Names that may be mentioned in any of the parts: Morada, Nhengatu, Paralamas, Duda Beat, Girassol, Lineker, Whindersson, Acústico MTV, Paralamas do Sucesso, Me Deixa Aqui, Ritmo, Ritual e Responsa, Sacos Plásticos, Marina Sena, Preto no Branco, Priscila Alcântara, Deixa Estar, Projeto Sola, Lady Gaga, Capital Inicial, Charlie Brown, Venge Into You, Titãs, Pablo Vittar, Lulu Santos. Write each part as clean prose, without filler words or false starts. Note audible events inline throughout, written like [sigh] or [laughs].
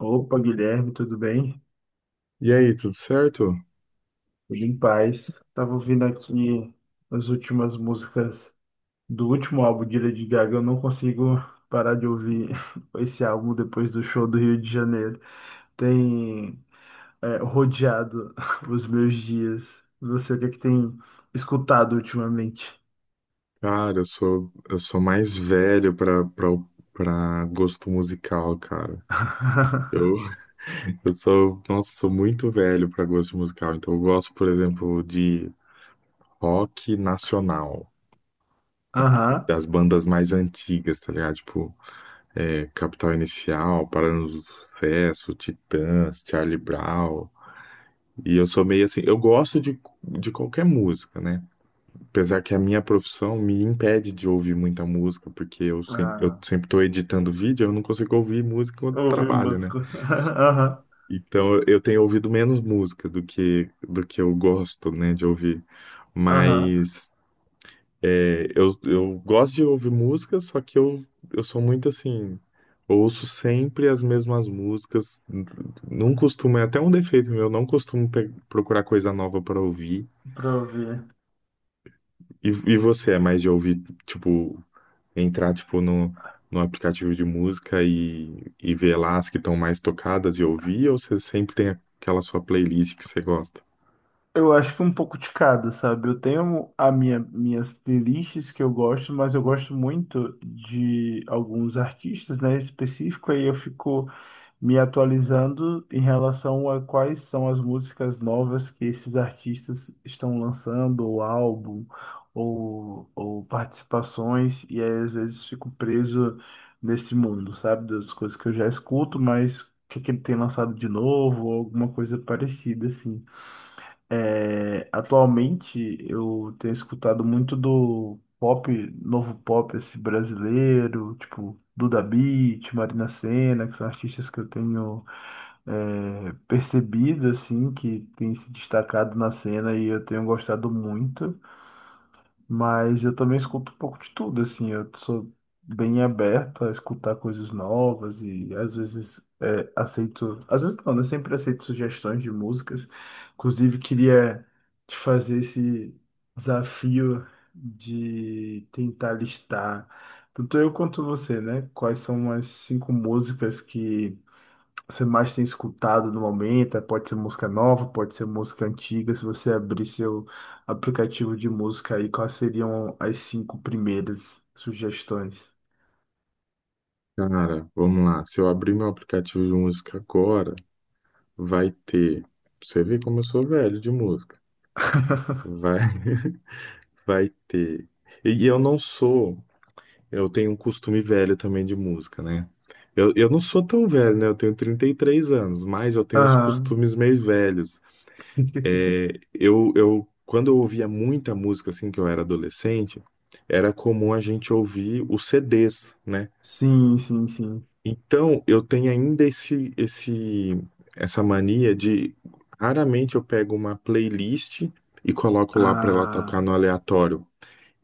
Opa, Guilherme, tudo bem? E aí, tudo certo? Tudo em paz. Tava ouvindo aqui as últimas músicas do último álbum de Lady Gaga. Eu não consigo parar de ouvir [laughs] esse álbum depois do show do Rio de Janeiro. Tem rodeado [laughs] os meus dias. Você, o que é que tem escutado ultimamente? Cara, eu sou mais velho pra gosto musical, cara. [laughs] Eu, [laughs] eu sou, nossa, sou muito velho pra gosto musical. Então, eu gosto, por exemplo, de rock nacional, Aham. das bandas mais antigas, tá ligado? Tipo, Capital Inicial, Paralamas do Sucesso, Titãs, Charlie Brown. E eu sou meio assim, eu gosto de qualquer música, né? Apesar que a minha profissão me impede de ouvir muita música, porque eu sempre, eu Ah, sempre estou editando vídeo, eu não consigo ouvir música quando ouvir trabalho, né? músico. [laughs] Aham. Então eu tenho ouvido menos música do que eu gosto, né, de ouvir. Aham. Mas eu gosto de ouvir música, só que eu sou muito assim, eu ouço sempre as mesmas músicas, não costumo, é até um defeito meu, eu não costumo procurar coisa nova para ouvir. Pra ouvir. E você é mais de ouvir, tipo, entrar, tipo, no aplicativo de música e ver lá as que estão mais tocadas e ouvir, ou você sempre tem aquela sua playlist que você gosta? Eu acho que um pouco de cada, sabe? Eu tenho minhas playlists que eu gosto, mas eu gosto muito de alguns artistas, né, específico, aí eu fico me atualizando em relação a quais são as músicas novas que esses artistas estão lançando, ou álbum, ou participações, e aí às vezes fico preso nesse mundo, sabe? Das coisas que eu já escuto, mas o que que ele tem lançado de novo, ou alguma coisa parecida, assim. É, atualmente eu tenho escutado muito do pop, novo pop esse brasileiro, tipo Duda Beat, Marina Sena, que são artistas que eu tenho percebido assim, que tem se destacado na cena e eu tenho gostado muito. Mas eu também escuto um pouco de tudo, assim, eu sou bem aberto a escutar coisas novas e às vezes aceito, às vezes não, né? Sempre aceito sugestões de músicas. Inclusive, queria te fazer esse desafio de tentar listar, tanto eu quanto você, né? Quais são as cinco músicas que você mais tem escutado no momento? Pode ser música nova, pode ser música antiga. Se você abrir seu aplicativo de música aí, quais seriam as cinco primeiras sugestões? Cara, vamos lá. Se eu abrir meu aplicativo de música agora, vai ter. Pra você vê como eu sou velho de música. Vai, [laughs] vai ter. E eu não sou. Eu tenho um costume velho também de música, né? Eu não sou tão velho, né? Eu tenho 33 anos, mas eu tenho uns Aham. costumes meio velhos. [laughs] É, eu, quando eu ouvia muita música assim que eu era adolescente, era comum a gente ouvir os CDs, né? Sim, sim, sim. Então eu tenho ainda essa mania de raramente eu pego uma playlist e coloco lá para ela tocar Ah, no aleatório.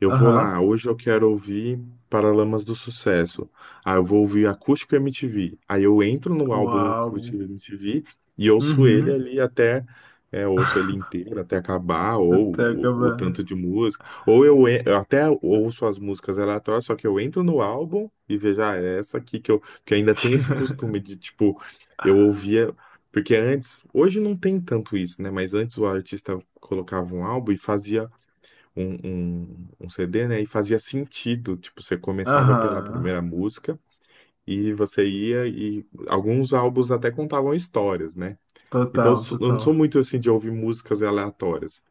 Eu vou aham. lá, hoje eu quero ouvir Paralamas do Sucesso. Ah, eu vou ouvir Acústico MTV. Aí eu entro no O álbum do álbum. Acústico MTV e ouço ele Uhum. ali até, ouço ele [laughs] inteiro até acabar, ou Até o acabar. tanto de música. Ou eu até ouço as músicas aleatórias, só que eu entro no álbum e vejo, ah, é essa aqui que eu. Porque ainda tem esse costume [laughs] de, tipo, eu ouvia. Porque antes, hoje não tem tanto isso, né? Mas antes o artista colocava um álbum e fazia um CD, né? E fazia sentido, tipo, você começava pela Aham. primeira música e você ia e alguns álbuns até contavam histórias, né? Então Total, eu não sou total. muito assim de ouvir músicas aleatórias.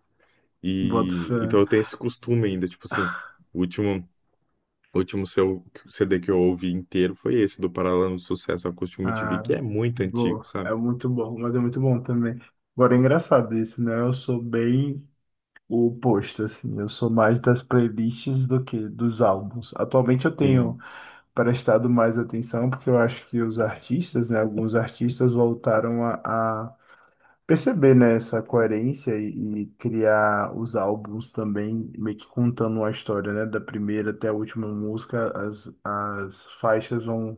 Boto E fé. então eu tenho esse costume ainda, tipo assim, o último o último seu CD que eu ouvi inteiro foi esse do Paralelo do Sucesso Acústico MTV, Ah, que é muito antigo, boa. sabe? É muito bom, mas é muito bom também. Agora é engraçado isso, né? Eu sou bem o oposto, assim. Eu sou mais das playlists do que dos álbuns. Atualmente eu tenho Sim. prestado mais atenção, porque eu acho que os artistas, né? Alguns artistas voltaram a perceber, né, essa coerência e criar os álbuns também, meio que contando uma história, né? Da primeira até a última música, as faixas vão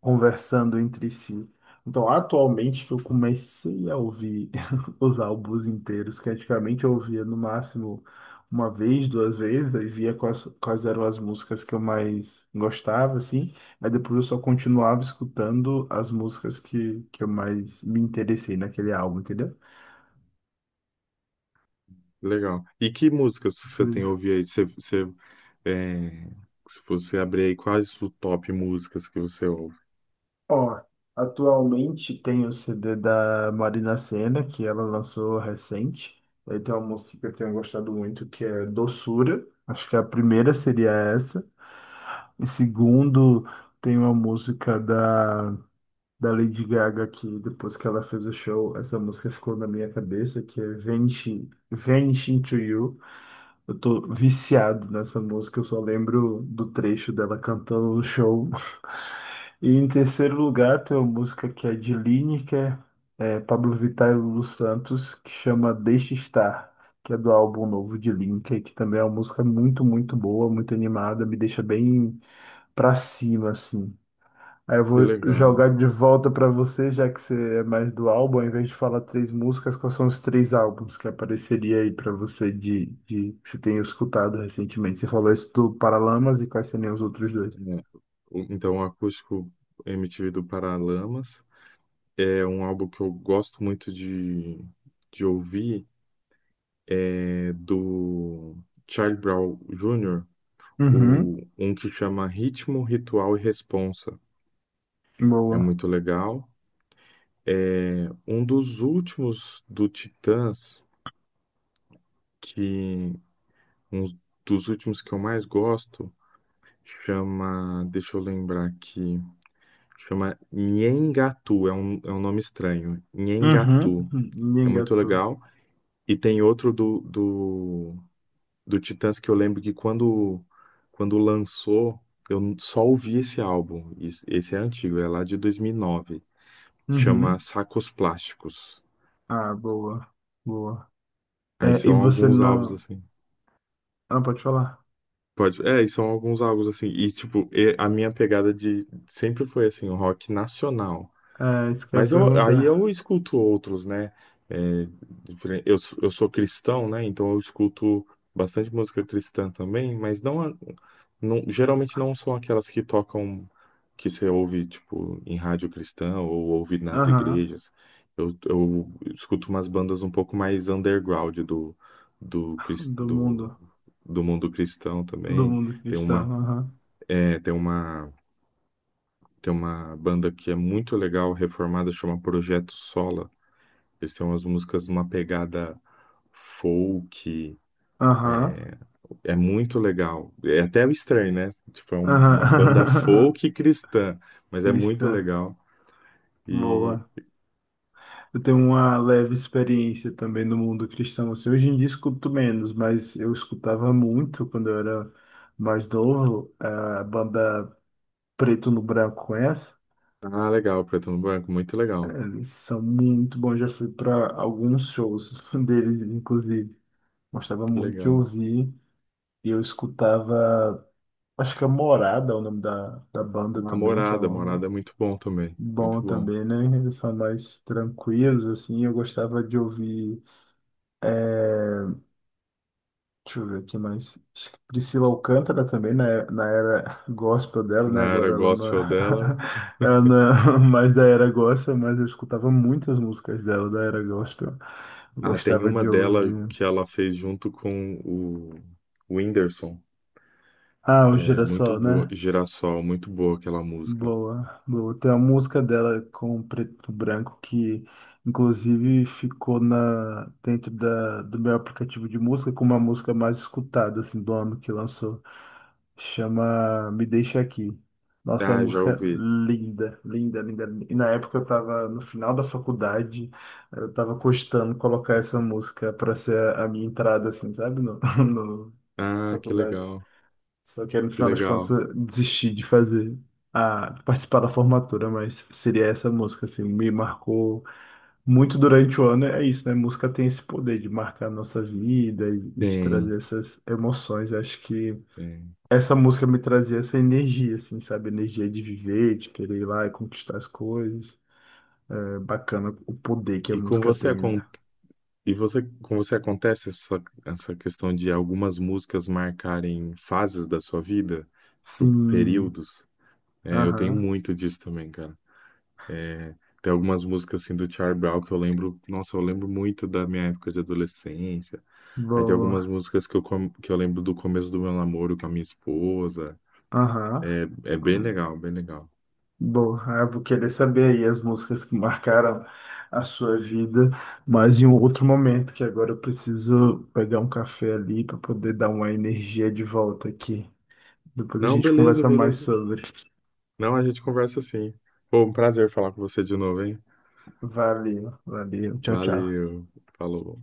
conversando entre si. Então, atualmente que eu comecei a ouvir [laughs] os álbuns inteiros, que antigamente eu ouvia no máximo uma vez, duas vezes, aí via quais eram as músicas que eu mais gostava, assim, aí depois eu só continuava escutando as músicas que eu mais me interessei naquele álbum, entendeu? Legal. E que músicas que você tem ouvido aí? Você, é, se você abrir aí, quais o top músicas que você ouve? Ó, atualmente tem o CD da Marina Sena, que ela lançou recente. Aí tem uma música que eu tenho gostado muito, que é Doçura. Acho que a primeira seria essa. E segundo, tem uma música da Lady Gaga, que depois que ela fez o show, essa música ficou na minha cabeça, que é Venge, Venge Into You. Eu tô viciado nessa música, eu só lembro do trecho dela cantando no show. E em terceiro lugar, tem uma música que é de Lineker, Pablo Vittar e Lulu Santos, que chama Deixa Estar, que é do álbum novo de Lineker, que também é uma música muito, muito boa, muito animada, me deixa bem pra cima, assim. Aí eu Que vou legal. jogar de volta pra você, já que você é mais do álbum, ao invés de falar três músicas, quais são os três álbuns que apareceria aí pra você de que você tenha escutado recentemente? Você falou esse do Paralamas e quais seriam os outros dois? É. Então, o Acústico MTV do Paralamas é um álbum que eu gosto muito de ouvir, é do Charlie Brown Jr., Uhum, um que chama Ritmo, Ritual e Responsa. É boa. muito legal. É um dos últimos do Titãs que um dos últimos que eu mais gosto chama. Deixa eu lembrar aqui. Chama Nhengatu. É um nome estranho. Uhum. Nhengatu. É muito Engatou. legal. E tem outro do Titãs que eu lembro que quando, quando lançou, eu só ouvi esse álbum. Esse é antigo, é lá de dois mil e nove. Chama Uhum. Sacos Plásticos. Ah, boa. Boa. Aí É, e são você alguns álbuns não. assim. Ah, não pode falar. Pode. É, e são alguns álbuns assim. E, tipo, a minha pegada de. Sempre foi assim, o rock nacional. É, isso que eu ia Mas aí perguntar. eu escuto outros, né? É, eu sou cristão, né? Então eu escuto bastante música cristã também, mas geralmente não são aquelas que tocam, que você ouve, tipo, em rádio cristã ou ouve nas Aham. igrejas. Eu escuto umas bandas um pouco mais underground do, do, cris- Do do, mundo. do mundo cristão Do também. mundo Tem cristão. uma, Aham. é, tem uma, tem uma banda que é muito legal, reformada, chama Projeto Sola. Eles têm umas músicas numa pegada folk, Aham. é muito legal. É até estranho, né? Tipo, uma banda Aham. folk cristã, [laughs] mas é muito Cristã. legal. E Boa. Eu tenho uma leve experiência também no mundo cristão. Assim, hoje em dia escuto menos, mas eu escutava muito quando eu era mais novo. A banda Preto no Branco, conhece? ah, legal, Preto no Branco, muito legal. Eles são muito bons. Já fui para alguns shows [laughs] deles, inclusive. Gostava Que muito de legal. ouvir. E eu escutava, acho que é Morada, é o nome da A banda também, que é Morada, Morada é muito bom também, muito bom bom. também, né? Eles são mais tranquilos, assim. Eu gostava de ouvir, deixa eu ver aqui mais. Acho que Priscila Alcântara também, na era [laughs] gospel dela, né? Na era Agora ela não, gospel dela, né? [laughs] ela não é mais da era gospel, mas eu escutava muitas músicas dela, da era gospel. Eu Ah, tem gostava uma de dela ouvir. que ela fez junto com o Whindersson. Ah, o É muito Girassol, boa, né? Girassol, muito boa aquela música. Boa, boa. Tem uma música dela com preto e branco que, inclusive, ficou dentro da, do meu aplicativo de música como a música mais escutada, assim, do ano que lançou. Chama Me Deixa Aqui. Nossa, é uma Ah, já música ouvi. linda, linda, linda. E na época eu estava no final da faculdade, eu estava cogitando colocar essa música para ser a minha entrada, assim, sabe? [laughs] No, Ah, que faculdade. legal, Só que aí, no que final das contas legal. eu desisti de fazer a de participar da formatura, mas seria essa música, assim, me marcou muito durante o ano. É isso, né? Música tem esse poder de marcar a nossa vida e de Tem, trazer essas emoções. Eu acho que tem. essa música me trazia essa energia, assim, sabe? Energia de viver, de querer ir lá e conquistar as coisas. É bacana o poder que a E com música você, tem, né? Com você acontece essa questão de algumas músicas marcarem fases da sua vida, tipo Sim. períodos? É, eu tenho Aham. muito disso também, cara. Tem algumas músicas assim do Charlie Brown que eu lembro, nossa, eu lembro muito da minha época de adolescência. Aí tem algumas Boa. músicas que que eu lembro do começo do meu namoro com a minha esposa. Aham. É, é bem legal, bem legal. Bom, eu vou querer saber aí as músicas que marcaram a sua vida, mas em um outro momento, que agora eu preciso pegar um café ali para poder dar uma energia de volta aqui. Depois a Não, gente beleza, conversa mais beleza. sobre. Não, a gente conversa assim. Pô, um prazer falar com você de novo, hein? Valeu, valeu, tchau, tchau. Valeu. Falou.